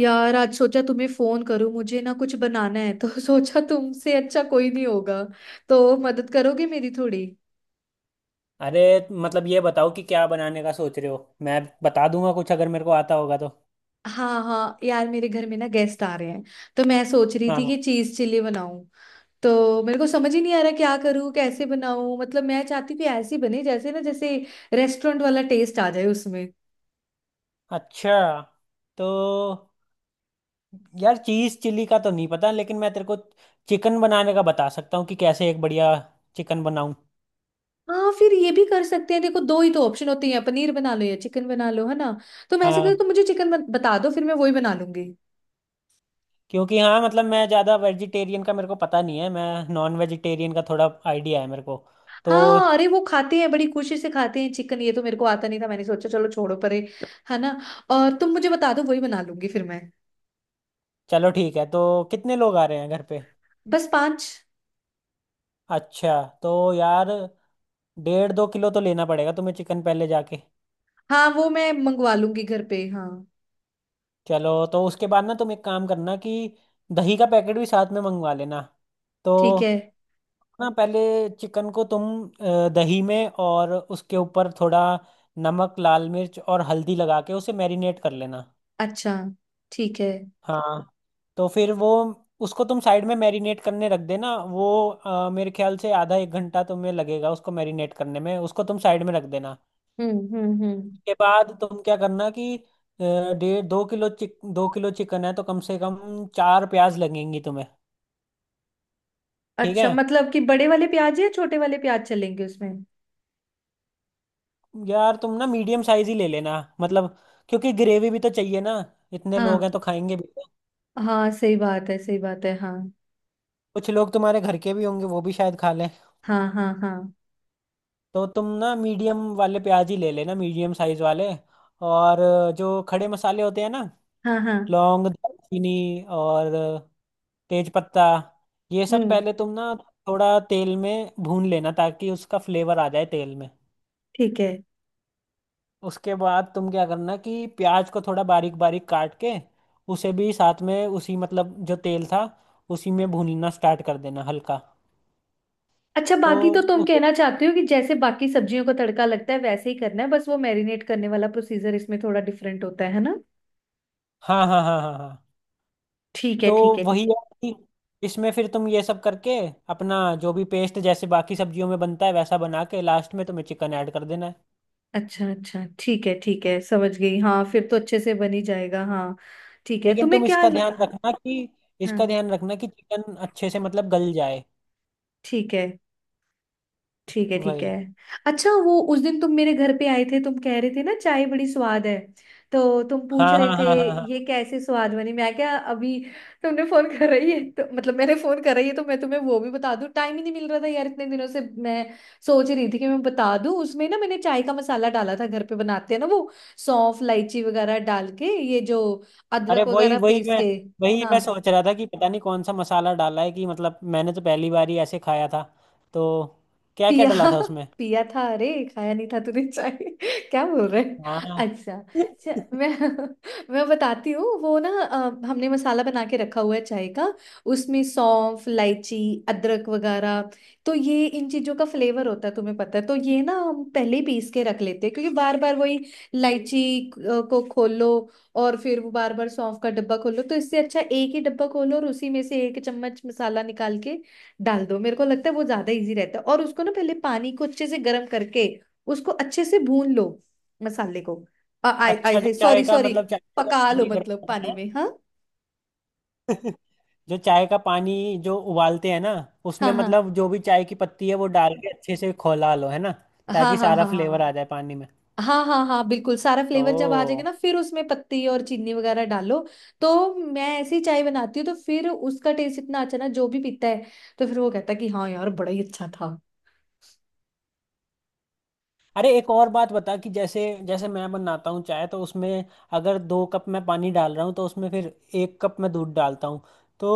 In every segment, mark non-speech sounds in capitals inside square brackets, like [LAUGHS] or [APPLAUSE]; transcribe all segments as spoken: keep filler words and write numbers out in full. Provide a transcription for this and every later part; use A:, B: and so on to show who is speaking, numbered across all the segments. A: यार आज सोचा तुम्हें फोन करूं। मुझे ना कुछ बनाना है तो [LAUGHS] सोचा तुमसे अच्छा कोई नहीं होगा। तो मदद करोगे मेरी थोड़ी।
B: अरे, मतलब ये बताओ कि क्या बनाने का सोच रहे हो। मैं बता दूंगा कुछ अगर मेरे को आता होगा तो।
A: हाँ हाँ यार मेरे घर में ना गेस्ट आ रहे हैं। तो मैं सोच रही थी
B: हाँ।
A: कि चीज चिल्ली बनाऊं। तो मेरे को समझ ही नहीं आ रहा क्या करूं कैसे बनाऊं। मतलब मैं चाहती हूँ कि ऐसी बने जैसे ना जैसे रेस्टोरेंट वाला टेस्ट आ जाए उसमें।
B: अच्छा, तो यार, चीज़ चिल्ली का तो नहीं पता, लेकिन मैं तेरे को चिकन बनाने का बता सकता हूँ कि कैसे एक बढ़िया चिकन बनाऊँ।
A: हाँ फिर ये भी कर सकते हैं। देखो दो ही तो ऑप्शन होते हैं, पनीर बना लो या चिकन बना लो, है ना। तो मैं ऐसे करो तो
B: हाँ,
A: मुझे चिकन बता दो, फिर मैं वही बना लूंगी।
B: क्योंकि हाँ, मतलब मैं ज़्यादा वेजिटेरियन का मेरे को पता नहीं है। मैं नॉन वेजिटेरियन का थोड़ा आइडिया है मेरे को। तो
A: हाँ, अरे वो खाते हैं, बड़ी खुशी से खाते हैं चिकन। ये तो मेरे को आता नहीं था, मैंने सोचा चलो छोड़ो परे, है ना। और तुम मुझे बता दो, वही बना लूंगी फिर मैं।
B: चलो ठीक है। तो कितने लोग आ रहे हैं घर पे?
A: बस पांच।
B: अच्छा तो यार, डेढ़ दो किलो तो लेना पड़ेगा तुम्हें चिकन, पहले जाके।
A: हाँ वो मैं मंगवा लूंगी घर पे, हाँ।
B: चलो, तो उसके बाद ना तुम एक काम करना कि दही का पैकेट भी साथ में मंगवा लेना। तो
A: ठीक है।
B: ना पहले चिकन को तुम अ, दही में, और उसके ऊपर थोड़ा नमक, लाल मिर्च और हल्दी लगा के उसे मैरिनेट कर लेना।
A: अच्छा। ठीक है।
B: हाँ। तो फिर वो उसको तुम साइड में मैरिनेट करने रख देना। वो अ, मेरे ख्याल से आधा एक घंटा तुम्हें लगेगा उसको मैरिनेट करने में। उसको तुम साइड में रख देना
A: हम्म हम्म हम्म।
B: के बाद तुम क्या करना कि अ, डेढ़ दो किलो चिक दो किलो चिकन है तो कम से कम चार प्याज लगेंगी तुम्हें। ठीक
A: अच्छा
B: है।
A: मतलब कि बड़े वाले प्याज या छोटे वाले प्याज चलेंगे उसमें।
B: यार तुम ना मीडियम साइज ही ले लेना, मतलब, क्योंकि ग्रेवी भी तो चाहिए ना। इतने लोग
A: हाँ
B: हैं तो खाएंगे भी तो।
A: हाँ सही बात है, सही बात है, हाँ
B: कुछ लोग तुम्हारे घर के भी होंगे, वो भी शायद खा लें।
A: हाँ हाँ हाँ
B: तो तुम ना मीडियम वाले प्याज ही ले लेना, मीडियम साइज वाले। और अ, जो खड़े मसाले होते हैं ना,
A: हाँ हाँ।
B: लौंग, दालचीनी और तेज पत्ता, ये सब
A: हम्म।
B: पहले तुम ना थोड़ा तेल में भून लेना ताकि उसका फ्लेवर आ जाए तेल में।
A: ठीक है।
B: उसके बाद तुम क्या करना कि प्याज को थोड़ा बारीक बारीक काट के उसे भी साथ में उसी, मतलब जो तेल था उसी में भूनना स्टार्ट कर देना हल्का।
A: अच्छा
B: तो
A: बाकी तो तुम
B: उसे,
A: कहना चाहते हो कि जैसे बाकी सब्जियों का तड़का लगता है वैसे ही करना है, बस वो मैरिनेट करने वाला प्रोसीजर इसमें थोड़ा डिफरेंट होता है है ना।
B: हाँ हाँ हाँ हाँ हाँ।
A: ठीक है
B: तो
A: ठीक है
B: वही
A: ठीक है।
B: है कि इसमें फिर तुम ये सब करके अपना जो भी पेस्ट जैसे बाकी सब्जियों में बनता है वैसा बना के लास्ट में तुम्हें चिकन ऐड कर देना है।
A: अच्छा अच्छा ठीक है ठीक है, समझ गई हाँ। फिर तो अच्छे से बन ही जाएगा, हाँ। ठीक है
B: लेकिन
A: तुम्हें
B: तुम
A: क्या
B: इसका ध्यान
A: ल-।
B: रखना कि इसका
A: हाँ।
B: ध्यान रखना कि चिकन अच्छे से, मतलब गल जाए।
A: ठीक है ठीक है ठीक है।
B: वही।
A: अच्छा वो उस दिन तुम मेरे घर पे आए थे, तुम कह रहे थे ना चाय बड़ी स्वाद है। तो तुम पूछ
B: हाँ
A: रहे
B: हाँ
A: थे
B: हाँ हाँ
A: ये
B: हाँ।
A: कैसे स्वाद बनी। मैं क्या अभी तुमने फोन कर रही है तो मतलब मैंने फोन कर रही है तो मैं तुम्हें वो भी बता दूं। टाइम ही नहीं मिल रहा था यार इतने दिनों से। मैं सोच रही थी कि मैं बता दूं। उसमें ना मैंने चाय का मसाला डाला था, घर पे बनाते हैं ना वो, सौंफ इलायची वगैरह डाल के, ये जो
B: अरे
A: अदरक
B: वही
A: वगैरह
B: वही
A: पीस
B: मैं
A: के।
B: वही मैं
A: हाँ।
B: सोच रहा था कि पता नहीं कौन सा मसाला डाला है कि, मतलब मैंने तो पहली बार ही ऐसे खाया था। तो क्या क्या
A: पिया
B: डाला था
A: [LAUGHS]
B: उसमें?
A: पिया था। अरे खाया नहीं था तूने चाय [LAUGHS] क्या बोल रहे हैं?
B: हाँ।
A: अच्छा। च-
B: [LAUGHS]
A: मैं [LAUGHS] मैं बताती हूँ। वो ना अ, हमने मसाला बना के रखा हुआ है चाय का। उसमें सौंफ इलायची अदरक वगैरह, तो ये इन चीजों का फ्लेवर होता है, तुम्हें पता है। तो ये ना हम पहले ही पीस के रख लेते हैं, क्योंकि बार बार वही इलायची अ, को खोलो और फिर वो बार बार सौंफ का डब्बा खोलो। तो इससे अच्छा एक ही डब्बा खोलो, और उसी में से एक चम्मच मसाला निकाल के डाल दो। मेरे को लगता है वो ज्यादा इजी रहता है। और उसको ना पहले पानी को अच्छे से गर्म करके उसको अच्छे से भून लो, मसाले को। आ, आई आई
B: अच्छा, जो
A: आई
B: चाय
A: सॉरी
B: का,
A: सॉरी।
B: मतलब चाय का जो
A: पका लो
B: पानी गर्म
A: मतलब पानी
B: करना
A: में, हाँ
B: है। [LAUGHS] जो चाय का पानी जो उबालते हैं ना, उसमें
A: हाँ
B: मतलब जो भी चाय की पत्ती है वो डाल के अच्छे से खौला लो है ना,
A: हाँ
B: ताकि
A: हाँ
B: सारा
A: हाँ हाँ।
B: फ्लेवर आ जाए पानी में।
A: हाँ हाँ हाँ हाँ बिल्कुल सारा फ्लेवर जब आ जाएगा
B: ओ,
A: ना फिर उसमें पत्ती और चीनी वगैरह डालो। तो मैं ऐसी चाय बनाती हूँ तो फिर उसका टेस्ट इतना अच्छा ना, जो भी पीता है तो फिर वो कहता है कि हाँ यार बड़ा ही अच्छा था।
B: अरे एक और बात बता कि जैसे, जैसे मैं बनाता हूँ चाय तो उसमें अगर दो कप मैं पानी डाल रहा हूँ तो उसमें फिर एक कप मैं दूध डालता हूँ। तो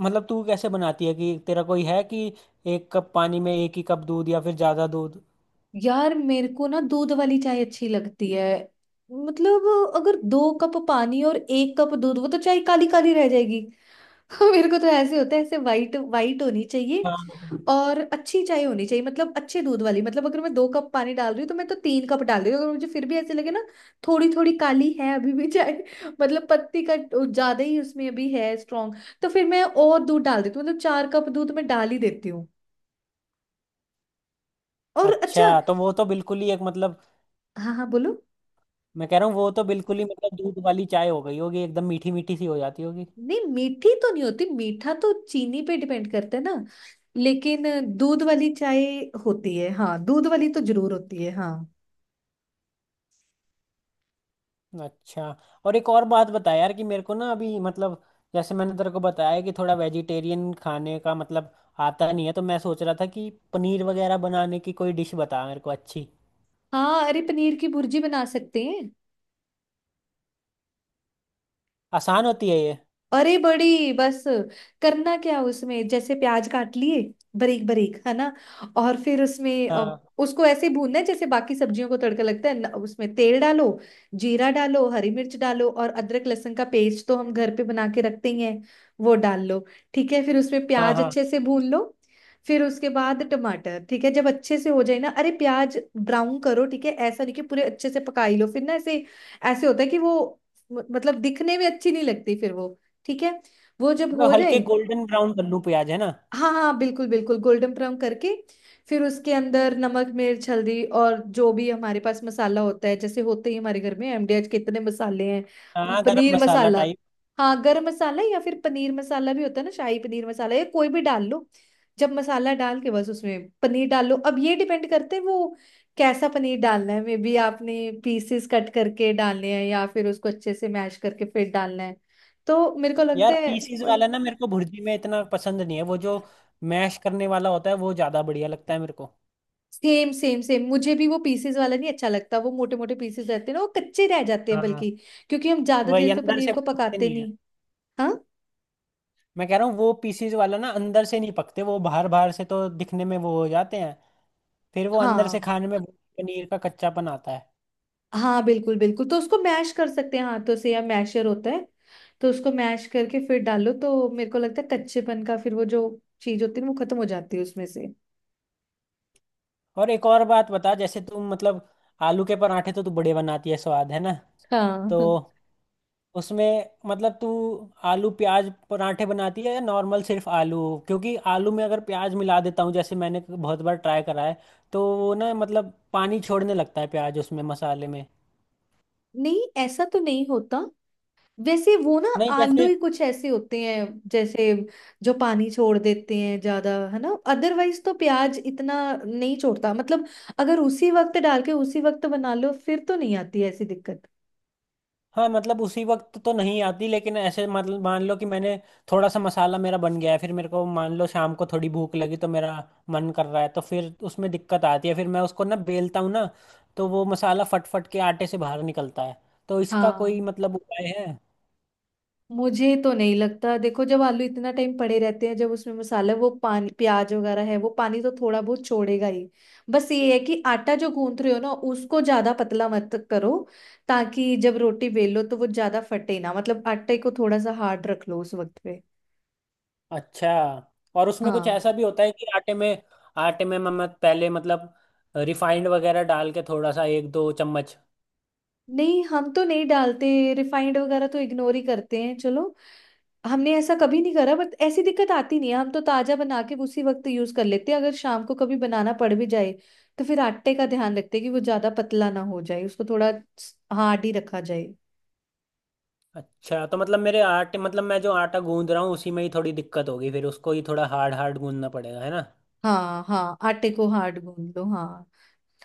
B: मतलब तू कैसे बनाती है कि तेरा कोई है कि एक कप पानी में एक ही कप दूध या फिर ज़्यादा दूध?
A: यार मेरे को ना दूध वाली चाय अच्छी लगती है। मतलब अगर दो कप पानी और एक कप दूध, वो तो चाय काली काली रह जाएगी। [LAUGHS] मेरे को तो ऐसे होता है, ऐसे वाइट वाइट होनी चाहिए
B: हाँ।
A: और अच्छी चाय होनी चाहिए, मतलब अच्छे दूध वाली। मतलब अगर मैं दो कप पानी डाल रही हूँ तो मैं तो तीन कप डाल रही हूँ। अगर मुझे फिर भी ऐसे लगे ना थोड़ी थोड़ी काली है अभी भी चाय, [LAUGHS] मतलब पत्ती का ज्यादा ही उसमें अभी है, स्ट्रांग, तो फिर मैं और दूध डाल देती हूँ। मतलब चार कप दूध मैं डाल ही देती हूँ। और
B: अच्छा
A: अच्छा।
B: तो वो तो बिल्कुल ही एक, मतलब
A: हाँ हाँ बोलो।
B: मैं कह रहा हूँ वो तो बिल्कुल ही मतलब दूध वाली चाय हो गई होगी, एकदम मीठी मीठी सी हो जाती होगी।
A: नहीं मीठी तो नहीं होती, मीठा तो चीनी पे डिपेंड करता है ना। लेकिन दूध वाली चाय होती है, हाँ दूध वाली तो जरूर होती है, हाँ।
B: अच्छा। और एक और बात बता यार कि मेरे को ना अभी, मतलब जैसे मैंने तेरे को बताया कि थोड़ा वेजिटेरियन खाने का, मतलब आता नहीं है, तो मैं सोच रहा था कि पनीर वगैरह बनाने की कोई डिश बता मेरे को अच्छी,
A: हाँ अरे पनीर की भुर्जी बना सकते हैं।
B: आसान होती है ये।
A: अरे बड़ी बस, करना क्या उसमें। जैसे प्याज काट लिए बारीक बारीक, है ना। और फिर उसमें अ,
B: हाँ
A: उसको ऐसे भूनना है जैसे बाकी सब्जियों को तड़का लगता है। न- उसमें तेल डालो, जीरा डालो, हरी मिर्च डालो, और अदरक लहसुन का पेस्ट तो हम घर पे बना के रखते ही हैं, वो डाल लो। ठीक है फिर उसमें
B: हाँ
A: प्याज
B: हाँ,
A: अच्छे से भून लो। फिर उसके बाद टमाटर, ठीक है जब अच्छे से हो जाए ना। अरे प्याज ब्राउन करो, ठीक है ऐसा नहीं कि पूरे अच्छे से पकाई लो फिर ना, ऐसे ऐसे होता है कि वो म- मतलब दिखने में अच्छी नहीं लगती फिर वो, ठीक है। वो जब हो
B: मतलब
A: जाए।
B: हल्के गोल्डन ब्राउन कर लूँ प्याज, है ना?
A: हाँ हाँ बिल्कुल बिल्कुल गोल्डन ब्राउन करके फिर उसके अंदर नमक मिर्च हल्दी और जो भी हमारे पास मसाला होता है, जैसे होते ही हमारे घर में एम डी एच के इतने मसाले हैं, वो
B: हाँ, गरम
A: पनीर
B: मसाला
A: मसाला,
B: टाइप।
A: हाँ गरम मसाला या फिर पनीर मसाला भी होता है ना, शाही पनीर मसाला, या कोई भी डाल लो। जब मसाला डाल के बस उसमें पनीर डाल लो। अब ये डिपेंड करते हैं वो कैसा पनीर डालना है, मे बी आपने पीसेस कट करके डालने हैं या फिर उसको अच्छे से मैश करके फिर डालना है। तो मेरे को लगता
B: यार पीसीज
A: है
B: वाला ना मेरे को भुर्जी में इतना पसंद नहीं है, वो जो मैश करने वाला होता है वो ज़्यादा बढ़िया लगता है मेरे को।
A: सेम सेम सेम, मुझे भी वो पीसेस वाला नहीं अच्छा लगता। वो मोटे मोटे पीसेस रहते हैं ना वो कच्चे रह जाते हैं,
B: हाँ,
A: बल्कि क्योंकि हम ज्यादा
B: वही
A: देर तो
B: अंदर
A: पनीर
B: से
A: को
B: पकते
A: पकाते
B: नहीं है।
A: नहीं। हाँ
B: मैं कह रहा हूँ वो पीसीज वाला ना अंदर से नहीं पकते, वो बाहर बाहर से तो दिखने में वो हो जाते हैं, फिर वो अंदर से
A: हाँ
B: खाने में पनीर का कच्चापन आता है।
A: हाँ बिल्कुल बिल्कुल तो उसको मैश कर सकते हैं हाथों से या मैशर होता है। तो उसको मैश करके फिर डालो तो मेरे को लगता है कच्चेपन का फिर वो जो चीज होती है ना वो खत्म हो जाती है उसमें से।
B: और एक और बात बता जैसे तुम, मतलब आलू के पराठे तो तू बड़े बनाती है स्वाद, है ना? तो
A: हाँ।
B: उसमें मतलब तू आलू प्याज पराठे बनाती है या नॉर्मल सिर्फ आलू? क्योंकि आलू में अगर प्याज मिला देता हूँ, जैसे मैंने बहुत बार ट्राई करा है, तो वो ना मतलब पानी छोड़ने लगता है प्याज उसमें मसाले में।
A: नहीं ऐसा तो नहीं होता। वैसे वो ना
B: नहीं
A: आलू
B: जैसे,
A: ही कुछ ऐसे होते हैं जैसे जो पानी छोड़ देते हैं ज्यादा, है ना। अदरवाइज तो प्याज इतना नहीं छोड़ता, मतलब अगर उसी वक्त डाल के उसी वक्त बना लो फिर तो नहीं आती ऐसी दिक्कत।
B: हाँ मतलब उसी वक्त तो नहीं आती, लेकिन ऐसे मतलब मान लो कि मैंने थोड़ा सा मसाला मेरा बन गया है, फिर मेरे को मान लो शाम को थोड़ी भूख लगी तो मेरा मन कर रहा है, तो फिर उसमें दिक्कत आती है। फिर मैं उसको ना बेलता हूँ ना, तो वो मसाला फट फट के आटे से बाहर निकलता है। तो इसका कोई
A: हाँ।
B: मतलब उपाय है?
A: मुझे तो नहीं लगता, देखो जब आलू इतना टाइम पड़े रहते हैं जब उसमें मसाला वो पानी प्याज वगैरह है, वो पानी तो थोड़ा बहुत छोड़ेगा ही। बस ये है कि आटा जो गूंथ रहे हो ना उसको ज्यादा पतला मत करो, ताकि जब रोटी बेलो तो वो ज्यादा फटे ना। मतलब आटे को थोड़ा सा हार्ड रख लो उस वक्त पे।
B: अच्छा, और उसमें कुछ
A: हाँ।
B: ऐसा भी होता है कि आटे में, आटे में मैं मैं पहले, मतलब रिफाइंड वगैरह डाल के थोड़ा सा, एक दो चम्मच।
A: नहीं हम तो नहीं डालते। रिफाइंड वगैरह तो इग्नोर ही करते हैं चलो। हमने ऐसा कभी नहीं करा, बट ऐसी दिक्कत आती नहीं है। हम तो ताजा बना के उसी वक्त यूज कर लेते हैं। अगर शाम को कभी बनाना पड़ भी जाए तो फिर आटे का ध्यान रखते हैं कि वो ज्यादा पतला ना हो जाए, उसको थोड़ा हार्ड ही रखा जाए।
B: अच्छा तो मतलब मेरे आटे, मतलब मैं जो आटा गूंद रहा हूँ उसी में ही थोड़ी दिक्कत होगी, फिर उसको ही थोड़ा हार्ड हार्ड गूंदना पड़ेगा है ना?
A: हाँ हाँ आटे को हार्ड गूंद लो, हाँ।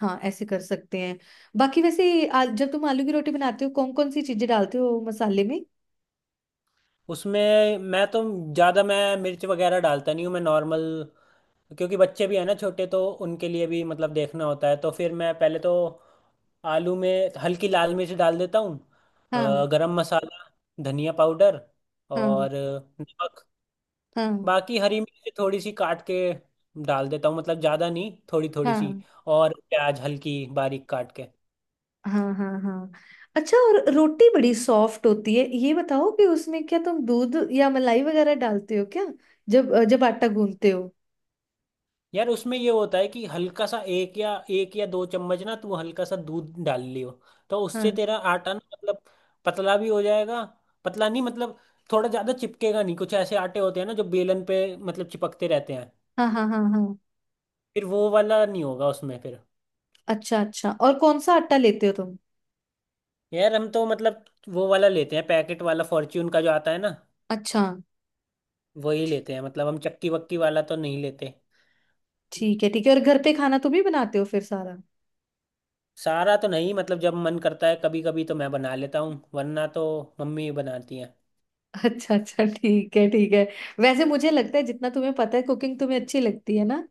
A: हाँ ऐसे कर सकते हैं। बाकी वैसे आ, जब तुम आलू की रोटी बनाते हो कौन कौन सी चीजें डालते हो मसाले में।
B: उसमें मैं तो ज़्यादा मैं मिर्च वगैरह डालता नहीं हूँ, मैं नॉर्मल, क्योंकि बच्चे भी हैं ना छोटे, तो उनके लिए भी मतलब देखना होता है। तो फिर मैं पहले तो आलू में हल्की लाल मिर्च डाल देता हूँ,
A: हाँ
B: अ, गरम मसाला, धनिया पाउडर
A: हाँ
B: और नमक।
A: हाँ
B: बाकी हरी मिर्च थोड़ी सी काट के डाल देता हूँ, मतलब ज़्यादा नहीं, थोड़ी थोड़ी सी,
A: हाँ
B: और प्याज हल्की बारीक काट के।
A: हाँ हाँ हाँ अच्छा और रोटी बड़ी सॉफ्ट होती है, ये बताओ कि उसमें क्या तुम दूध या मलाई वगैरह डालते हो क्या, जब जब आटा गूंथते हो।
B: यार उसमें ये होता है कि हल्का सा एक या एक या दो चम्मच ना तू हल्का सा दूध डाल लियो, तो उससे
A: हाँ
B: तेरा आटा ना मतलब पतला भी हो जाएगा। पतला नहीं मतलब थोड़ा ज्यादा चिपकेगा नहीं, कुछ ऐसे आटे होते हैं ना जो बेलन पे मतलब चिपकते रहते हैं,
A: हाँ हाँ हाँ हाँ
B: फिर वो वाला नहीं होगा उसमें फिर।
A: अच्छा अच्छा और कौन सा आटा लेते हो तुम।
B: यार हम तो मतलब वो वाला लेते हैं पैकेट वाला, फॉर्च्यून का जो आता है ना
A: अच्छा
B: वही लेते हैं। मतलब हम चक्की वक्की वाला तो नहीं लेते।
A: ठीक है ठीक है, और घर पे खाना तुम ही बनाते हो फिर सारा।
B: सारा तो नहीं, मतलब जब मन करता है कभी कभी तो मैं बना लेता हूँ, वरना तो मम्मी बनाती है।
A: [LAUGHS] अच्छा अच्छा ठीक है ठीक है। वैसे मुझे लगता है जितना तुम्हें पता है कुकिंग तुम्हें अच्छी लगती है ना।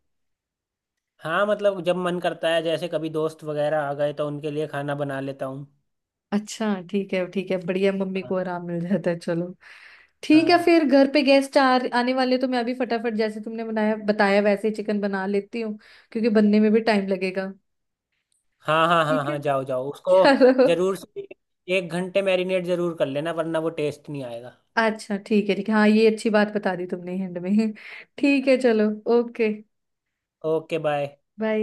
B: हाँ, मतलब जब मन करता है जैसे कभी दोस्त वगैरह आ गए तो उनके लिए खाना बना लेता हूँ।
A: अच्छा ठीक है ठीक है, बढ़िया मम्मी
B: हाँ
A: को आराम मिल जाता है चलो। ठीक है
B: हाँ
A: फिर घर पे गेस्ट आ आने वाले तो मैं अभी फटाफट जैसे तुमने बनाया बताया वैसे ही चिकन बना लेती हूँ, क्योंकि बनने में भी टाइम लगेगा।
B: हाँ हाँ हाँ।
A: ठीक है
B: हाँ, जाओ जाओ
A: [LAUGHS]
B: उसको।
A: चलो।
B: जरूर से, एक घंटे मैरिनेट जरूर कर लेना वरना वो टेस्ट नहीं आएगा।
A: अच्छा ठीक है ठीक है, हाँ ये अच्छी बात बता दी तुमने एंड में। ठीक है चलो। Okay
B: okay, bye.
A: बाय।